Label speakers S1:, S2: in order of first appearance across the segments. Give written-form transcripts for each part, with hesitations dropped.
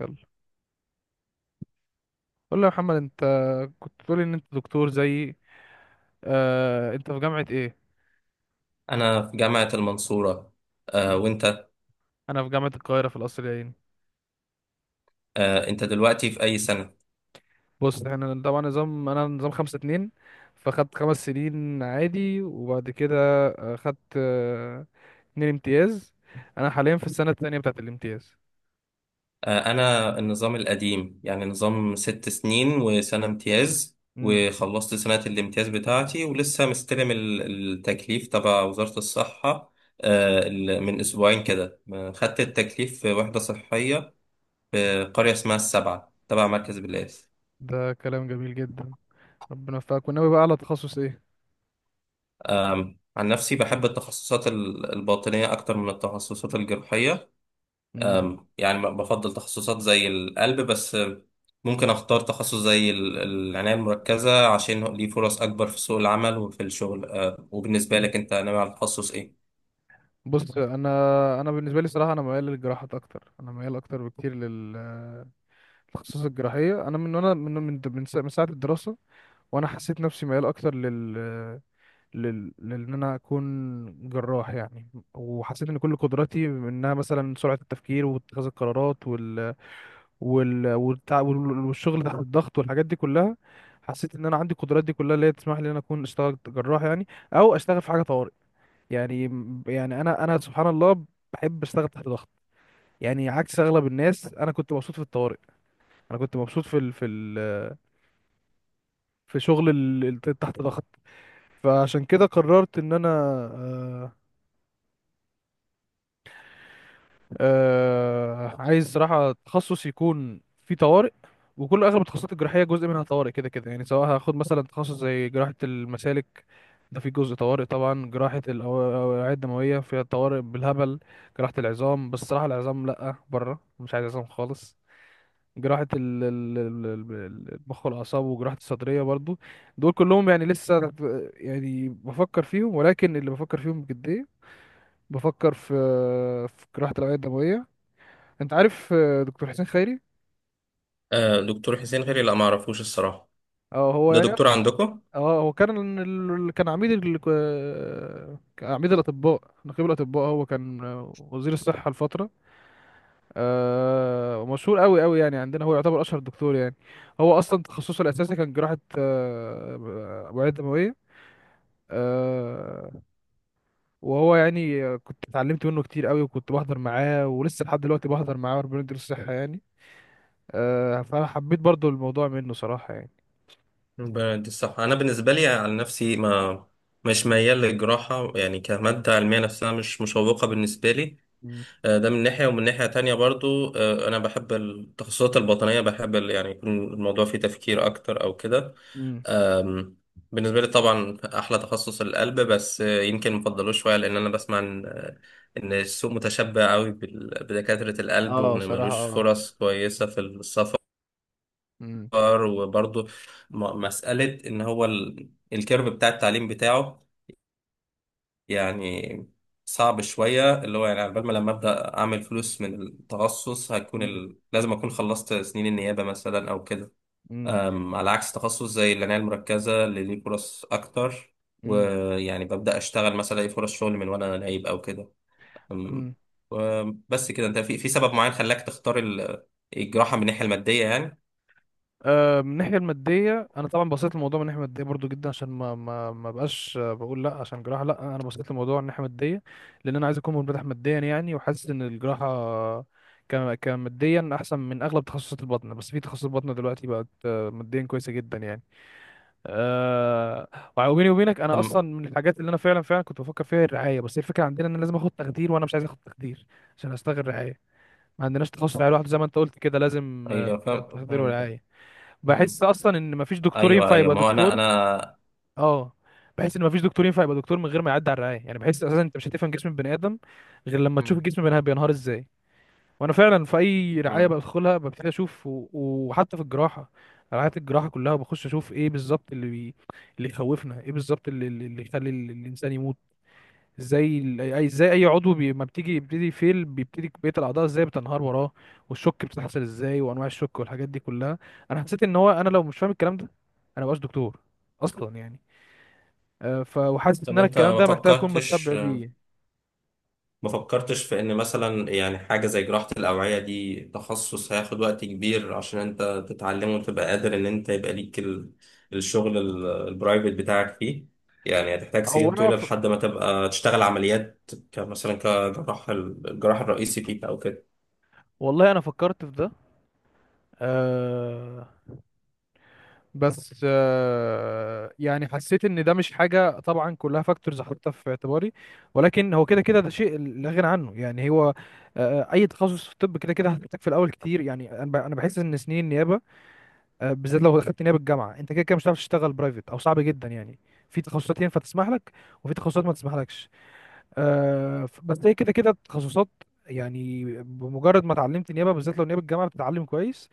S1: يلا، قول لي يا محمد، انت كنت تقول ان انت دكتور زيي. انت في جامعة ايه؟
S2: أنا في جامعة المنصورة. آه، وأنت؟
S1: انا في جامعة القاهرة في القصر العيني.
S2: آه، أنت دلوقتي في أي سنة؟
S1: بص، احنا طبعا نظام، انا نظام خمسة اتنين. فخدت خمس سنين عادي وبعد كده آه، خدت آه، اتنين امتياز. انا حاليا في السنة التانية بتاعت الامتياز.
S2: آه، أنا النظام القديم، يعني نظام 6 سنين وسنة امتياز،
S1: امم.
S2: وخلصت سنة الامتياز بتاعتي ولسه مستلم التكليف تبع وزارة الصحة. آه، من أسبوعين كده، خدت التكليف في وحدة صحية في قرية اسمها السبعة تبع مركز بلاد.
S1: ده كلام جميل جدا. ربنا يوفقك. وناوي بقى على تخصص ايه؟
S2: عن نفسي بحب التخصصات الباطنية أكتر من التخصصات الجراحية.
S1: امم.
S2: يعني بفضل تخصصات زي القلب، بس ممكن اختار تخصص زي العناية المركزة، عشان ليه فرص اكبر في سوق العمل وفي الشغل. وبالنسبة لك انت ناوي على تخصص ايه؟
S1: بص، انا بالنسبة لي صراحة انا ميال للجراحات اكتر، انا ميال اكتر بكتير لل آه، التخصص الجراحية. أنا من ساعة الدراسة، وأنا حسيت نفسي ميال أكتر لل لل لأن أنا أكون جراح يعني. وحسيت إن كل قدراتي، إنها مثلا سرعة التفكير واتخاذ القرارات، والشغل تحت الضغط والحاجات دي كلها. حسيت إن أنا عندي القدرات دي كلها اللي هي تسمح لي إن أنا أكون أشتغل جراح يعني، أو أشتغل في حاجة طوارئ. يعني يعني أنا سبحان الله بحب أشتغل تحت ضغط. يعني عكس أغلب الناس، أنا كنت مبسوط في الطوارئ. انا كنت مبسوط في شغل تحت ضغط. فعشان كده قررت ان انا، آه، عايز صراحة تخصص يكون فيه طوارئ. وكل اغلب التخصصات الجراحية جزء منها طوارئ كده كده، يعني سواء هاخد مثلا تخصص زي جراحة المسالك، ده فيه جزء طوارئ طبعا. جراحة الأوعية الدموية فيها طوارئ بالهبل. جراحة العظام، بس صراحة العظام لأ، بره مش عايز عظام خالص. جراحة المخ والأعصاب، وجراحة الصدرية برضو، دول كلهم يعني لسه تحت-. يعني بفكر فيهم، ولكن اللي بفكر فيهم بجدية بفكر في جراحة الأوعية الدموية. أنت عارف دكتور حسين خيري؟
S2: أه، دكتور حسين غيري، لا ما اعرفوش الصراحة.
S1: اه، هو
S2: ده
S1: يعني.
S2: دكتور عندكم؟
S1: اه، هو كان عميد الأطباء، نقيب الأطباء، هو كان وزير الصحة لفترة. ومشهور قوي قوي يعني، عندنا هو يعتبر أشهر دكتور يعني. هو أصلا تخصصه الأساسي كان جراحة أوعية دموية. آه، وهو يعني كنت اتعلمت منه كتير قوي، وكنت بحضر معاه، ولسه لحد دلوقتي بحضر معاه، وربنا يديله الصحة يعني. فأنا حبيت برضو الموضوع منه صراحة يعني.
S2: دي الصح، انا بالنسبة لي على نفسي ما، مش ميال للجراحة، يعني كمادة علمية نفسها مش مشوقة بالنسبة لي.
S1: مم.
S2: آه، ده من ناحية، ومن ناحية تانية برضو أنا بحب التخصصات الباطنية، بحب يعني يكون الموضوع فيه تفكير أكتر أو كده.
S1: مم.
S2: أم، بالنسبة لي طبعا أحلى تخصص القلب، بس يمكن مفضلوش شوية لأن أنا بسمع إن، السوق متشبع قوي بدكاترة القلب،
S1: اه،
S2: وإن
S1: صراحة،
S2: ملوش
S1: اه.
S2: فرص كويسة في السفر.
S1: مم.
S2: وبرضه مسألة إن هو الكيرف بتاع التعليم بتاعه يعني صعب شوية، اللي هو يعني على بال ما لما أبدأ أعمل فلوس من التخصص هيكون
S1: مم.
S2: لازم أكون خلصت سنين النيابة مثلا أو كده.
S1: مم.
S2: على عكس تخصص زي العناية المركزة اللي ليه فرص أكتر،
S1: مم.
S2: ويعني ببدأ أشتغل مثلا ألاقي فرص شغل من وأنا نايب أو كده. أم،
S1: مم.
S2: و- بس كده أنت في، سبب معين خلاك تختار الجراحة من الناحية المادية يعني؟
S1: من الناحيه الماديه، انا طبعا بصيت الموضوع من الناحيه الماديه برضو جدا، عشان ما بقاش، بقول لا عشان جراحه لا، انا بصيت الموضوع من الناحيه الماديه لان انا عايز اكون منفتح ماديا يعني، وحاسس ان الجراحه كماديا احسن من اغلب تخصصات البطن. بس في تخصصات البطن دلوقتي بقت ماديا كويسه جدا يعني. أه. وبيني وبينك، انا
S2: أم،
S1: اصلا من الحاجات اللي انا فعلا فعلا كنت بفكر فيها هي الرعايه. بس هي الفكره عندنا ان أنا لازم اخد تخدير، وانا مش عايز اخد تخدير عشان اشتغل رعايه. ما عندناش تخصص رعايه لوحده، زي ما انت قلت كده لازم
S2: أيوه، فاهم
S1: تخدير
S2: فاهم كده.
S1: ورعايه.
S2: أم،
S1: بحس اصلا ان مفيش دكتور
S2: أيوه،
S1: ينفع
S2: أيوه،
S1: يبقى
S2: ما هو أنا
S1: دكتور.
S2: أنا
S1: اه، بحس ان مفيش دكتور ينفع يبقى دكتور من غير ما يعدي على الرعايه، يعني بحس اساسا انت مش هتفهم جسم البني ادم غير لما تشوف
S2: أم،
S1: الجسم بينهار ازاي. وانا فعلا في اي رعايه
S2: أم.
S1: بدخلها ببتدي اشوف وحتى في الجراحه، رعايه الجراحه كلها بخش اشوف ايه بالظبط اللي يخوفنا، ايه بالظبط اللي يخلي الانسان يموت. زي ال- اي زي اي عضو ما بتيجي بيبتدي فيل، بيبتدي بقيه الاعضاء ازاي بتنهار وراه، والشوك بتحصل ازاي، وانواع الشوك والحاجات دي كلها. انا حسيت ان هو، انا لو مش فاهم الكلام ده انا مبقاش دكتور اصلا يعني. آه، ف وحاسس ان
S2: طب
S1: انا
S2: أنت
S1: الكلام
S2: ما
S1: ده محتاج اكون متشبع
S2: فكرتش،
S1: بيه.
S2: في ان مثلا يعني حاجة زي جراحة الأوعية دي تخصص هياخد وقت كبير عشان انت تتعلمه وتبقى قادر ان انت يبقى ليك الشغل البرايفت بتاعك فيه، يعني هتحتاج
S1: هو
S2: سنين
S1: انا
S2: طويلة
S1: ف...
S2: لحد ما تبقى تشتغل عمليات كمثلا كجراح الجراح الرئيسي فيك او كده.
S1: والله انا فكرت في ده. آه، بس آه، يعني حسيت ان ده مش حاجه، طبعا كلها فاكتورز احطها في اعتباري، ولكن هو كده كده ده شيء لا غنى عنه يعني. هو اي تخصص في الطب كده كده هتحتاج في الاول كتير يعني. أنا بحس ان سنين النيابه، بالذات لو دخلت نيابه الجامعه، انت كده كده مش هتعرف تشتغل برايفت، او صعب جدا يعني. في تخصصات ينفع تسمح لك، وفي تخصصات ما تسمحلكش. بس هي كده كده تخصصات، يعني بمجرد ما اتعلمت نيابه، بالذات لو نيابه الجامعه بتتعلم كويس،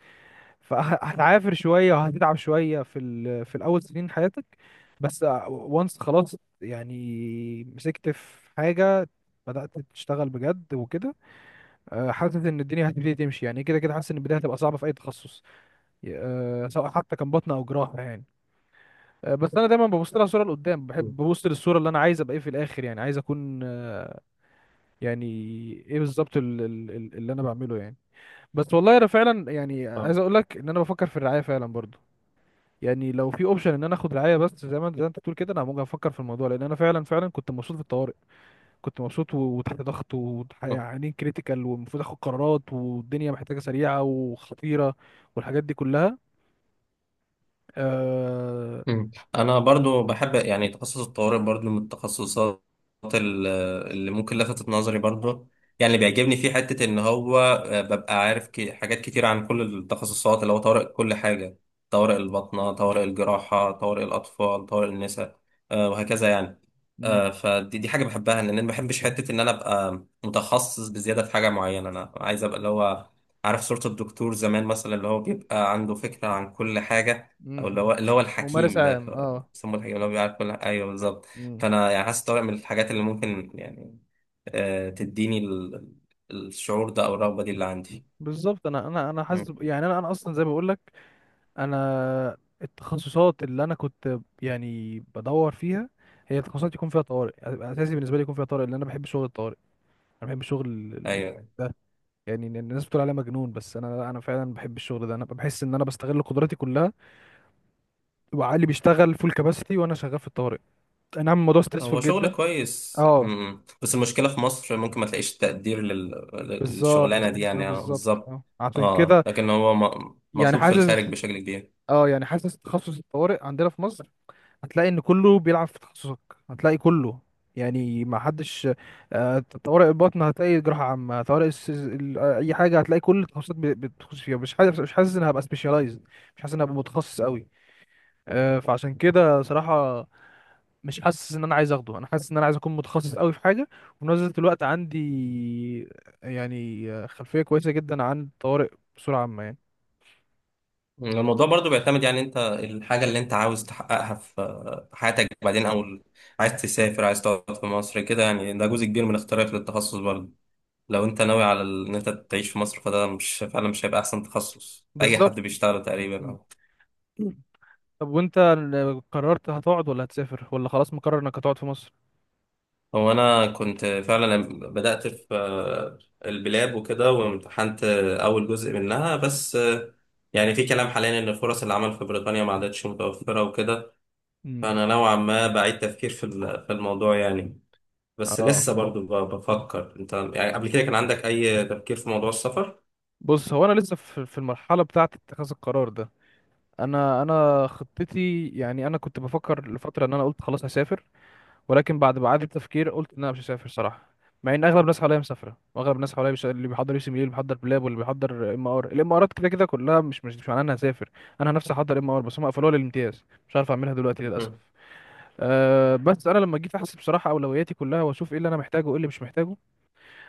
S1: فهتعافر شويه وهتتعب شويه في الاول سنين حياتك، بس. وانس خلاص، يعني مسكت في حاجه، بدأت تشتغل بجد وكده، حاسس ان الدنيا هتبتدي تمشي يعني. كده كده حاسس ان البدايه هتبقى صعبه في اي تخصص، سواء حتى كان بطنه او جراحه يعني. بس انا دايما ببص لها صوره لقدام، بحب
S2: مم.
S1: ببص للصوره اللي انا عايز ابقى ايه في الاخر، يعني عايز اكون يعني ايه بالظبط اللي انا بعمله يعني. بس والله انا فعلا يعني
S2: اه.
S1: عايز اقول لك ان انا بفكر في الرعايه فعلا برضو. يعني لو في اوبشن ان انا اخد رعايه بس، زي ما انت بتقول كده، انا ممكن افكر في الموضوع، لان انا فعلا فعلا كنت مبسوط في الطوارئ. كنت مبسوط وتحت ضغط، ويعني كريتيكال، والمفروض اخد قرارات، والدنيا محتاجه سريعه وخطيره، والحاجات دي كلها. آه...
S2: مم. انا برضو بحب يعني تخصص الطوارئ، برضو من التخصصات ال- اللي ممكن لفتت نظري برضو. يعني اللي بيعجبني فيه حتة ان هو ببقى عارف حاجات كتير عن كل التخصصات اللي هو طوارئ، كل حاجة، طوارئ الباطنة، طوارئ الجراحة، طوارئ الاطفال، طوارئ النساء، وهكذا يعني.
S1: مم.
S2: فدي حاجة بحبها، لان انا ما بحبش حتة ان انا ابقى متخصص بزيادة في حاجة معينة. انا عايز ابقى اللي هو عارف صورة الدكتور زمان مثلا اللي هو بيبقى عنده فكرة عن كل حاجة،
S1: مم.
S2: او اللي هو
S1: ممارس
S2: الحكيم ده،
S1: عام،
S2: اللي هو
S1: اه.
S2: بيسموه الحكيم، اللي هو بيعرف كل حاجه، ايوه بالظبط.
S1: مم.
S2: فانا يعني حاسس طارق من الحاجات اللي ممكن يعني تديني الشعور ده او الرغبه دي اللي عندي.
S1: بالظبط، انا انا حاسس
S2: مم.
S1: يعني انا اصلا زي ما بقول لك، انا التخصصات اللي انا كنت يعني بدور فيها هي تخصصات يكون فيها طوارئ. اساسي بالنسبه لي يكون فيها طوارئ، لان انا بحب شغل الطوارئ. انا بحب شغل
S2: ايوه،
S1: ده. يعني إن الناس بتقول عليه مجنون، بس انا لا، انا فعلا بحب الشغل ده. انا بحس ان انا بستغل قدراتي كلها، وعقلي بيشتغل فول كباستي وانا شغال في الطوارئ. اي نعم، الموضوع
S2: هو
S1: ستريسفول
S2: شغل
S1: جدا.
S2: كويس.
S1: اه،
S2: مم. بس المشكله في مصر ممكن ما تلاقيش تقدير للشغلانه
S1: بالظبط،
S2: دي
S1: ما
S2: يعني،
S1: بالظبط،
S2: بالظبط.
S1: اه، عشان
S2: اه،
S1: كده
S2: لكن هو
S1: يعني
S2: مطلوب في الخارج
S1: حاسس.
S2: بشكل كبير.
S1: حاسس تخصص الطوارئ عندنا في مصر، هتلاقي ان كله بيلعب في تخصصك. هتلاقي كله يعني، ما حدش. طوارئ البطن هتلاقي جراحة عامة، طوارئ اي حاجة. هتلاقي كل التخصصات بتخش فيها. مش حاسس ان هبقى سبيشالايزد، مش حاسس ان هبقى متخصص قوي. فعشان كده صراحة مش حاسس ان انا عايز اخده. انا حاسس ان انا عايز اكون متخصص قوي في حاجة، وفي نفس الوقت عندي خلفية كويسة جدا عن الطوارئ بصورة عامة يعني.
S2: الموضوع برضو بيعتمد، يعني انت الحاجة اللي انت عاوز تحققها في حياتك بعدين، او عايز تسافر عايز تقعد في مصر كده، يعني ده جزء كبير من اختيارك للتخصص برضو. لو انت ناوي على ان انت تعيش في مصر، فده مش فعلا مش هيبقى احسن تخصص اي
S1: بالظبط.
S2: حد بيشتغله تقريبا،
S1: م.
S2: اه.
S1: طب وانت قررت هتقعد ولا هتسافر، ولا خلاص مقرر انك هتقعد في مصر؟
S2: هو انا كنت فعلا لما بدأت في البلاب وكده، وامتحنت اول جزء منها بس، يعني في كلام
S1: مم.
S2: حاليا ان فرص العمل في بريطانيا ما عادتش متوفرة وكده.
S1: امم.
S2: فانا نوعا ما بعيد تفكير في الموضوع يعني. بس
S1: اه،
S2: لسه برضو بفكر. انت يعني قبل كده كان عندك اي تفكير في موضوع السفر؟
S1: بص، هو انا لسه في المرحله بتاعه اتخاذ القرار ده. انا خطتي يعني، انا كنت بفكر لفتره ان انا قلت خلاص هسافر، ولكن بعد ما اعاده تفكير قلت ان انا مش هسافر صراحه. مع ان اغلب الناس حواليا مسافره، واغلب الناس حواليا مش... اللي بيحضر يو سي، اللي بيحضر بلاب، واللي بيحضر ام ار، الامارات، كده كده كلها مش معناها انها هسافر. انا نفسي احضر ام ار بس هم قفلوها للامتياز، مش عارف اعملها دلوقتي للاسف.
S2: مم.
S1: أه، بس انا لما جيت احسب بصراحه اولوياتي كلها، واشوف ايه اللي انا محتاجه وايه اللي مش محتاجه،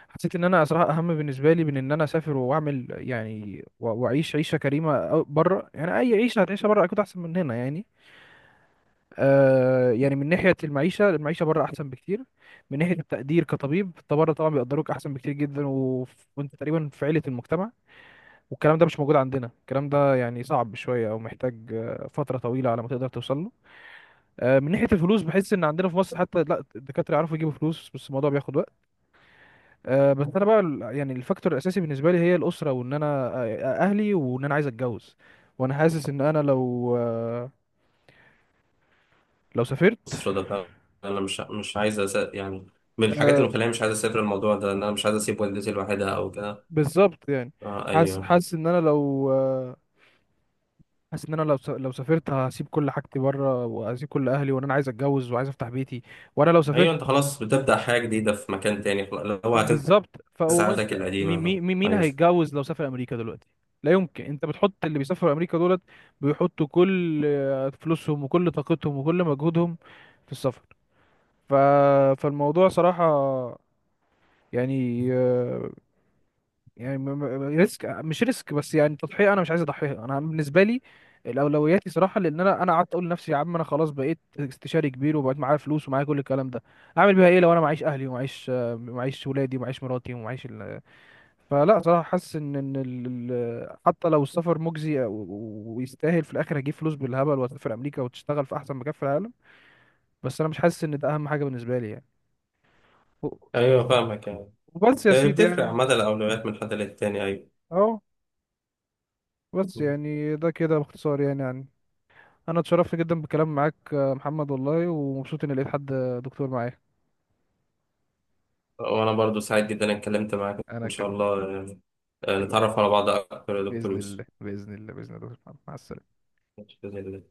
S1: حسيت ان انا صراحه اهم بالنسبه لي من ان انا اسافر واعمل يعني، واعيش عيشه كريمه بره يعني. اي عيشه هتعيشها بره اكيد احسن من هنا يعني. يعني من ناحيه المعيشه، المعيشه بره احسن بكتير. من ناحيه التقدير كطبيب، انت بره طبعا بيقدروك احسن بكتير جدا، وانت تقريبا في عيله المجتمع. والكلام ده مش موجود عندنا، الكلام ده يعني صعب شويه، او محتاج فتره طويله على ما تقدر توصل له. من ناحيه الفلوس، بحس ان عندنا في مصر حتى لا الدكاتره يعرفوا يجيبوا فلوس، بس الموضوع بياخد. أه، بس انا بقى يعني الفاكتور الاساسي بالنسبه لي هي الاسره، وان انا آه، اهلي، وان انا عايز اتجوز. وانا حاسس ان انا لو سافرت.
S2: مصر ده، انا مش عايز يعني، من الحاجات اللي
S1: أه،
S2: مخليني مش عايز اسافر الموضوع ده ان انا مش عايز اسيب والدتي لوحدها او كده.
S1: بالظبط يعني.
S2: آه،
S1: حاسس
S2: ايوه.
S1: حاسس ان انا لو آه، حاسس ان انا لو سافرت هسيب كل حاجتي بره، وهسيب كل اهلي، وان انا عايز اتجوز وعايز افتح بيتي. وانا لو سافرت،
S2: ايوه، انت خلاص بتبدأ حاجة جديدة في مكان تاني، خلاص اللي
S1: ب-
S2: هو هتنسى
S1: بالظبط
S2: عاداتك
S1: فانت
S2: القديمة بقى.
S1: مين مين
S2: ايوه.
S1: هيتجوز لو سافر امريكا دلوقتي؟ لا يمكن، انت بتحط اللي بيسافروا امريكا دولت، بيحطوا كل فلوسهم وكل طاقتهم وكل مجهودهم في السفر. ف... فالموضوع صراحة يعني يعني ريسك، مش ريسك بس، يعني تضحية. أنا مش عايز أضحيها. أنا بالنسبة لي الأولوياتي صراحة، لأن أنا قعدت أقول لنفسي يا عم، أنا خلاص بقيت استشاري كبير وبقيت معايا فلوس ومعايا كل الكلام ده، أعمل بيها إيه لو أنا معيش أهلي ومعيش معيش ولادي ومعيش مراتي فلا صراحة حاسس إن حتى لو السفر مجزي ويستاهل، في الآخر أجيب فلوس بالهبل وأسافر أمريكا وتشتغل في أحسن مكان في العالم، بس أنا مش حاسس إن ده أهم حاجة بالنسبة لي يعني.
S2: ايوه، فاهمك يعني.
S1: وبس يا سيدي
S2: بتفرق عامة،
S1: يعني،
S2: الاولويات من حد للتاني، ايوه.
S1: اهو. بس
S2: مم.
S1: يعني ده كده باختصار يعني. انا اتشرفت جدا بالكلام معاك محمد والله، ومبسوط اني لقيت حد دكتور معايا.
S2: وانا برضو سعيد جدا اني اتكلمت معاك
S1: انا
S2: ان شاء
S1: كمان.
S2: الله يعني،
S1: اتكلم.
S2: نتعرف على بعض اكتر يا دكتور
S1: باذن
S2: يوسف.
S1: الله، باذن الله، باذن الله. مع السلامه.
S2: بإذن الله.